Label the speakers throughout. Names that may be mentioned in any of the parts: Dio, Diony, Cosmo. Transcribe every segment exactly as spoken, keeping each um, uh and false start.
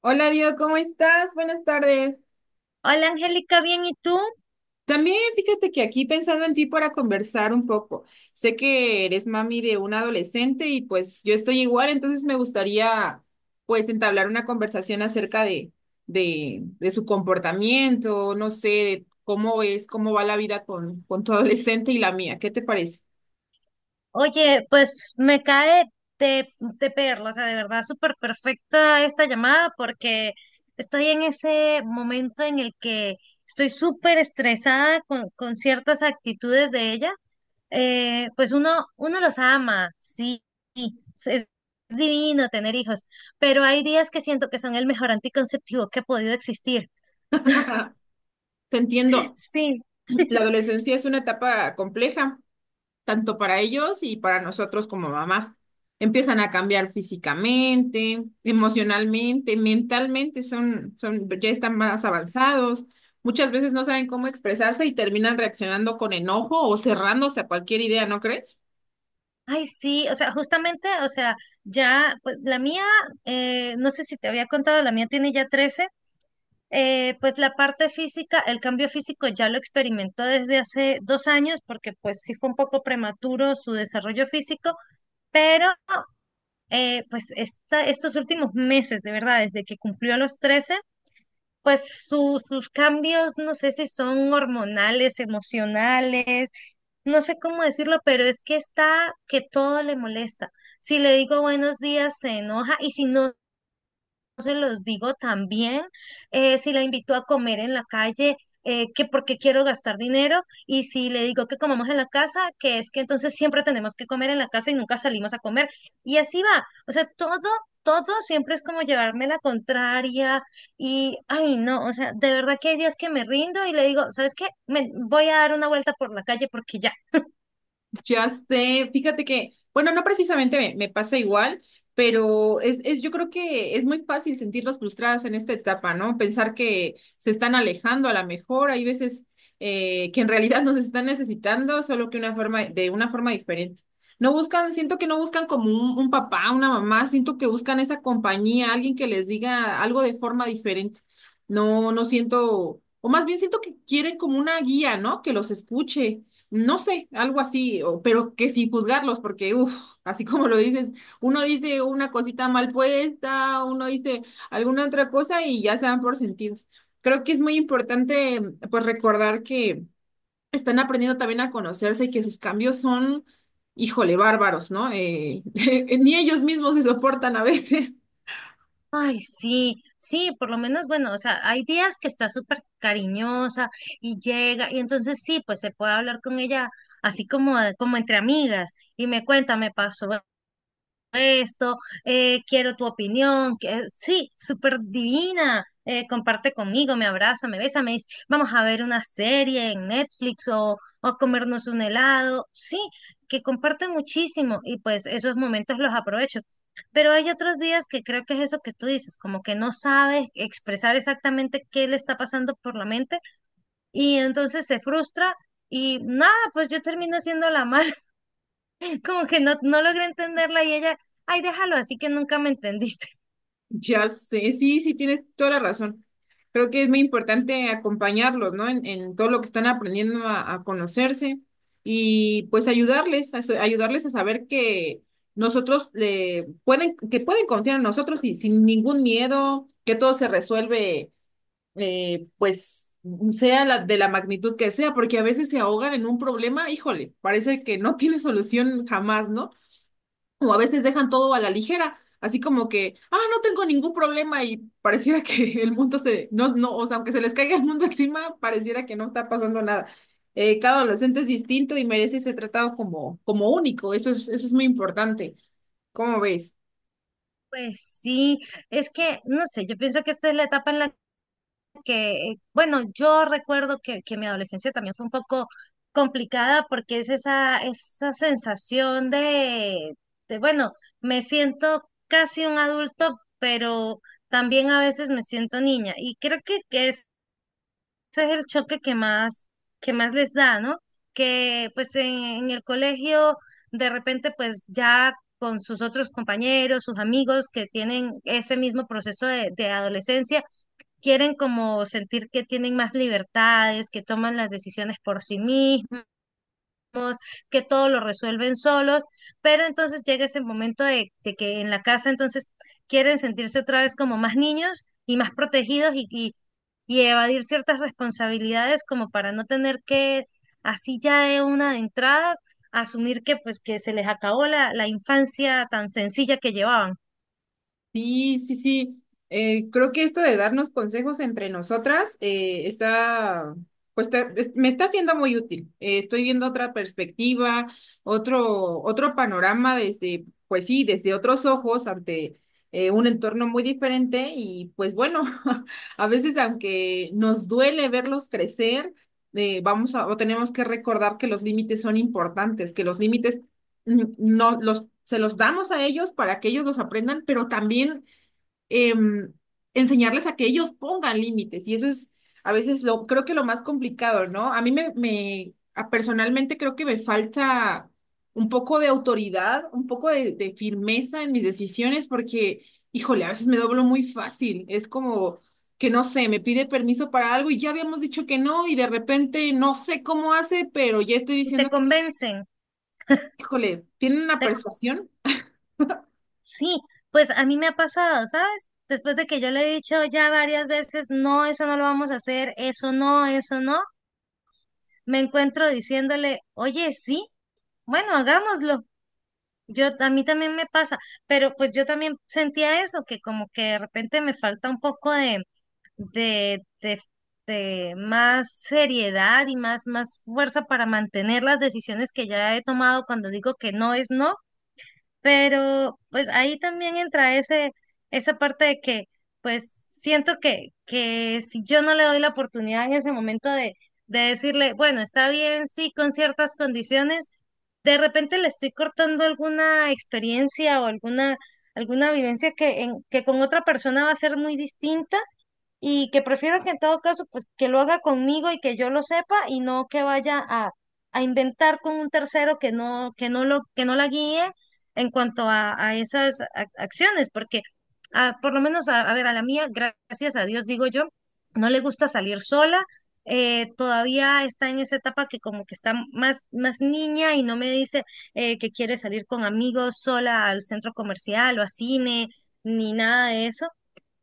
Speaker 1: Hola, Dio, ¿cómo estás? Buenas tardes.
Speaker 2: Hola Angélica, bien, ¿y tú?
Speaker 1: También fíjate que aquí pensando en ti para conversar un poco. Sé que eres mami de un adolescente y pues yo estoy igual, entonces me gustaría pues entablar una conversación acerca de, de, de su comportamiento, no sé, de cómo es, cómo va la vida con, con tu adolescente y la mía. ¿Qué te parece?
Speaker 2: Oye, pues me cae de, de perla, o sea, de verdad súper perfecta esta llamada porque estoy en ese momento en el que estoy súper estresada con, con ciertas actitudes de ella. Eh, pues uno, uno los ama, sí, sí, es es divino tener hijos, pero hay días que siento que son el mejor anticonceptivo que ha podido existir.
Speaker 1: Te entiendo.
Speaker 2: Sí.
Speaker 1: La adolescencia es una etapa compleja tanto para ellos y para nosotros como mamás. Empiezan a cambiar físicamente, emocionalmente, mentalmente, son, son, ya están más avanzados. Muchas veces no saben cómo expresarse y terminan reaccionando con enojo o cerrándose a cualquier idea, ¿no crees?
Speaker 2: Ay, sí, o sea, justamente, o sea, ya, pues la mía, eh, no sé si te había contado, la mía tiene ya trece. Eh, pues la parte física, el cambio físico ya lo experimentó desde hace dos años, porque pues sí fue un poco prematuro su desarrollo físico, pero eh, pues esta, Estos últimos meses, de verdad, desde que cumplió los trece, pues su- sus cambios, no sé si son hormonales, emocionales, no sé cómo decirlo, pero es que está que todo le molesta. Si le digo buenos días, se enoja y si no se los digo también. Eh, si la invito a comer en la calle, eh, que porque quiero gastar dinero, y si le digo que comamos en la casa, que es que entonces siempre tenemos que comer en la casa y nunca salimos a comer. Y así va. O sea, todo, todo siempre es como llevarme la contraria y, ay, no, o sea, de verdad que hay días que me rindo y le digo, ¿sabes qué? Me voy a dar una vuelta por la calle porque ya.
Speaker 1: Ya sé, fíjate que, bueno, no precisamente me, me pasa igual, pero es, es, yo creo que es muy fácil sentirlos frustrados en esta etapa, ¿no? Pensar que se están alejando a la mejor, hay veces eh, que en realidad nos están necesitando, solo que una forma, de una forma diferente. No buscan, siento que no buscan como un, un papá, una mamá, siento que buscan esa compañía, alguien que les diga algo de forma diferente. No, no siento, o más bien siento que quieren como una guía, ¿no? Que los escuche, no sé, algo así, o- pero que sin juzgarlos, porque, uff, así como lo dices, uno dice una cosita mal puesta, uno dice alguna otra cosa y ya se dan por sentidos. Creo que es muy importante, pues, recordar que están aprendiendo también a conocerse y que sus cambios son, híjole, bárbaros, ¿no? Eh, ni ellos mismos se soportan a veces.
Speaker 2: Ay, sí, sí, por lo menos, bueno, o sea, hay días que está súper cariñosa y llega, y entonces sí, pues se puede hablar con ella así como, de- como entre amigas, y me cuenta, me pasó esto. Eh, quiero tu opinión, que sí, súper divina. Eh, comparte conmigo, me abraza, me besa, me dice, vamos a ver una serie en Netflix o, o comernos un helado, sí, que comparten muchísimo y pues esos momentos los aprovecho. Pero hay otros días que creo que es eso que tú dices, como que no sabes expresar exactamente qué le está pasando por la mente y entonces se frustra y nada, pues yo termino siendo la mala. Como que no, no logré entenderla y ella, ay, déjalo, así que nunca me entendiste.
Speaker 1: Ya sé, sí, sí, tienes toda la razón. Creo que es muy importante acompañarlos, ¿no? En, en todo lo que están aprendiendo a, a conocerse y pues ayudarles, a, sa- ayudarles a saber que nosotros le pueden, que pueden confiar en nosotros y sin ningún miedo, que todo se resuelve, eh, pues sea la, de la magnitud que sea, porque a veces se ahogan en un problema, híjole, parece que no tiene solución jamás, ¿no? O a veces dejan todo a la ligera, así como que, ah, no tengo ningún problema y pareciera que el mundo se, no, no, o sea, aunque se les caiga el mundo encima, pareciera que no está pasando nada. Eh, cada adolescente es distinto y merece ser tratado como, como único, eso es, eso es muy importante. ¿Cómo ves?
Speaker 2: Pues sí, es que, no sé, yo pienso que esta es la etapa en la que, eh, bueno, yo recuerdo que, que mi adolescencia también fue un poco complicada porque es esa, esa sensación de, de, bueno, me siento casi un adulto, pero también a veces me siento niña. Y creo que, que ese es el choque que más, que más les da, ¿no? Que pues en, en el colegio de repente pues ya con sus otros compañeros, sus amigos que tienen ese mismo proceso de, de adolescencia, quieren como sentir que tienen más libertades, que toman las decisiones por sí mismos, que todo lo resuelven solos, pero entonces llega ese momento de, de que en la casa entonces quieren sentirse otra vez como más niños y más protegidos y, y, y, evadir ciertas responsabilidades como para no tener que así ya de una de entrada asumir que pues que se les acabó la, la infancia tan sencilla que llevaban.
Speaker 1: Sí, sí, sí. Eh, creo que esto de darnos consejos entre nosotras eh, está, pues te- es- me está siendo muy útil. Eh, estoy viendo otra perspectiva, otro, otro panorama desde, pues sí, desde otros ojos ante eh, un entorno muy diferente y pues bueno, a veces aunque nos duele verlos crecer, eh, vamos a, o tenemos que recordar que los límites son importantes, que los límites no los, se los damos a ellos para que ellos los aprendan, pero también em, enseñarles a que ellos pongan límites. Y eso es a veces lo, creo que lo más complicado, ¿no? A mí me, me a- personalmente creo que me falta un poco de autoridad, un poco de, de firmeza en mis decisiones, porque, híjole, a veces me doblo muy fácil. Es como que no sé, me pide permiso para algo y ya habíamos dicho que no, y de repente no sé cómo hace, pero ya estoy
Speaker 2: Y te
Speaker 1: diciendo que,
Speaker 2: convencen,
Speaker 1: híjole, tiene una
Speaker 2: te-
Speaker 1: persuasión.
Speaker 2: sí, pues a mí me ha pasado, ¿sabes? Después de que yo le he dicho ya varias veces, no, eso no lo vamos a hacer, eso no, eso no, me encuentro diciéndole, oye, sí, bueno, hagámoslo. Yo, a mí también me pasa, pero pues yo también sentía eso, que como que de repente me falta un poco de, de, de, de más seriedad y más, más fuerza para mantener las decisiones que ya he tomado cuando digo que no es no, pero pues ahí también entra ese, esa parte de que pues siento que, que si yo no le doy la oportunidad en ese momento de, de decirle, bueno, está bien, sí, con ciertas condiciones, de repente le estoy cortando alguna experiencia o alguna, alguna vivencia que, en, que con otra persona va a ser muy distinta y que prefiero que en todo caso, pues que lo haga conmigo y que yo lo sepa y no que vaya a, a inventar con un tercero que no, que no lo, que no la guíe en cuanto a, a esas ac- acciones, porque ah, por lo menos, a, a ver, a la mía, gracias a Dios, digo yo, no le gusta salir sola. Eh, todavía está en esa etapa que como que está más, más niña y no me dice eh, que quiere salir con amigos sola al centro comercial o a cine ni nada de eso,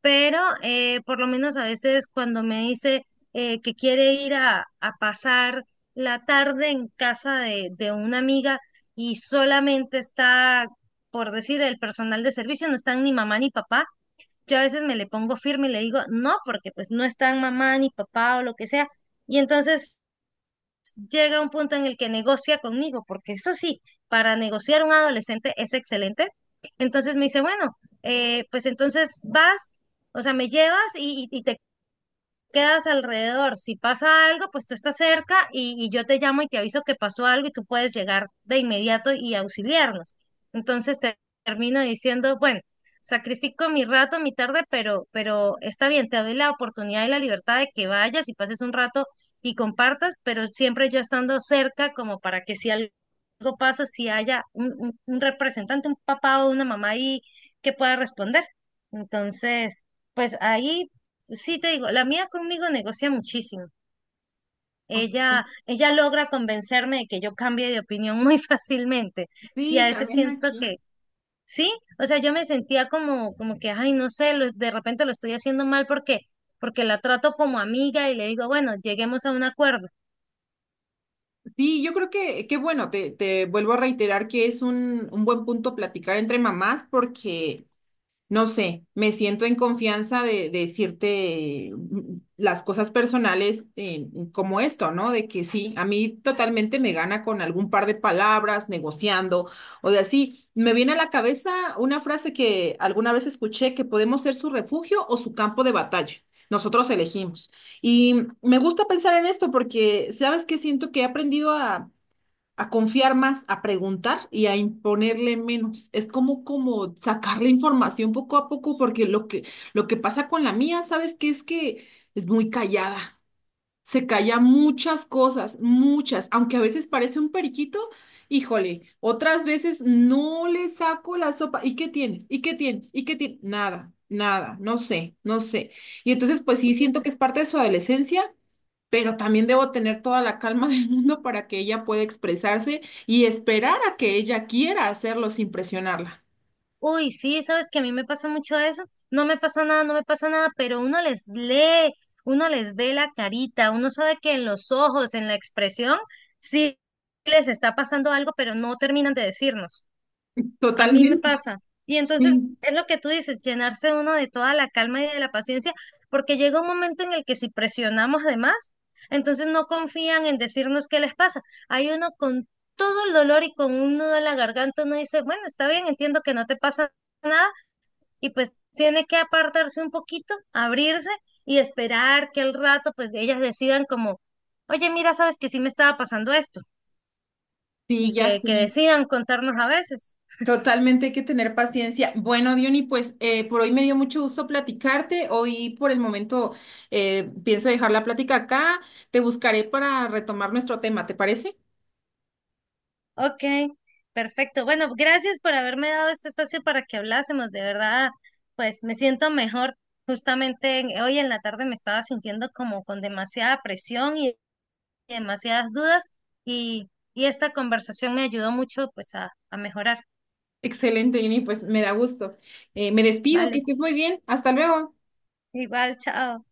Speaker 2: pero eh, por lo menos a veces cuando me dice eh, que quiere ir a, a pasar la tarde en casa de, de una amiga y solamente está, por decir, el personal de servicio, no están ni mamá ni papá, yo a veces me le pongo firme y le digo, no, porque pues no están mamá ni papá o lo que sea. Y entonces llega a un punto en el que negocia conmigo, porque eso sí, para negociar un adolescente es excelente. Entonces me dice, bueno, eh, pues entonces vas, o sea, me llevas y, y- y te quedas alrededor. Si pasa algo, pues tú estás cerca y, y yo te llamo y te aviso que pasó algo y tú puedes llegar de inmediato y auxiliarnos. Entonces te termino diciendo, bueno, sacrifico mi rato, mi tarde, pero, pero está bien, te doy la oportunidad y la libertad de que vayas y pases un rato y compartas, pero siempre yo estando cerca como para que si algo pasa, si haya un, un un representante, un papá o una mamá ahí que pueda responder. Entonces, pues ahí. Sí, te digo, la mía conmigo negocia muchísimo.
Speaker 1: Ok.
Speaker 2: Ella, ella logra convencerme de que yo cambie de opinión muy fácilmente. Y
Speaker 1: Sí,
Speaker 2: a veces
Speaker 1: también
Speaker 2: siento
Speaker 1: aquí.
Speaker 2: que sí, o sea, yo me sentía como, como que, ay, no sé, lo- de repente lo estoy haciendo mal porque, porque la trato como amiga y le digo, bueno, lleguemos a un acuerdo.
Speaker 1: Sí, yo creo que, que bueno, te, te vuelvo a reiterar que es un, un buen punto platicar entre mamás porque no sé, me siento en confianza de, de decirte mm, las cosas personales eh, como esto, ¿no? De que sí, a mí totalmente me gana con algún par de palabras, negociando o de así. Me viene a la cabeza una frase que alguna vez escuché, que podemos ser su refugio o su campo de batalla. Nosotros elegimos. Y me gusta pensar en esto porque, ¿sabes qué? Siento que he aprendido a a confiar más, a preguntar y a imponerle menos. Es como, como sacar la información poco a poco, porque lo que, lo que pasa con la mía, ¿sabes qué? Es que es muy callada, se calla muchas cosas, muchas, aunque a veces parece un periquito, híjole, otras veces no le saco la sopa. ¿Y qué tienes? ¿Y qué tienes? ¿Y qué tienes? Nada, nada, no sé, no sé. Y entonces, pues sí, siento que es parte de su adolescencia, pero también debo tener toda la calma del mundo para que ella pueda expresarse y esperar a que ella quiera hacerlo sin presionarla.
Speaker 2: Uy, sí, sabes que a mí me pasa mucho eso. No me pasa nada, no me pasa nada, pero uno les lee, uno les ve la carita, uno sabe que en los ojos, en la expresión, sí les está pasando algo, pero no terminan de decirnos. A mí me
Speaker 1: Totalmente,
Speaker 2: pasa. Y entonces
Speaker 1: sí,
Speaker 2: es lo que tú dices, llenarse uno de toda la calma y de la paciencia, porque llega un momento en el que si presionamos de más, entonces no confían en decirnos qué les pasa. Hay uno con todo el dolor y con un nudo en la garganta, uno dice, bueno, está bien, entiendo que no te pasa nada, y pues tiene que apartarse un poquito, abrirse y esperar que al rato pues ellas decidan como, oye, mira, sabes que sí me estaba pasando esto,
Speaker 1: sí,
Speaker 2: y
Speaker 1: ya
Speaker 2: que,
Speaker 1: sé.
Speaker 2: que decidan contarnos a veces.
Speaker 1: Totalmente hay que tener paciencia. Bueno, Diony, pues eh, por hoy me dio mucho gusto platicarte. Hoy por el momento eh, pienso dejar la plática acá. Te buscaré para retomar nuestro tema, ¿te parece?
Speaker 2: Ok, perfecto. Bueno, gracias por haberme dado este espacio para que hablásemos. De verdad, pues me siento mejor. Justamente en- hoy en la tarde me estaba sintiendo como con demasiada presión y demasiadas dudas y, y esta conversación me ayudó mucho pues a, a mejorar.
Speaker 1: Excelente, Diony, pues me da gusto. Eh, me despido, que
Speaker 2: Vale,
Speaker 1: estés muy bien. Hasta luego.
Speaker 2: igual, chao.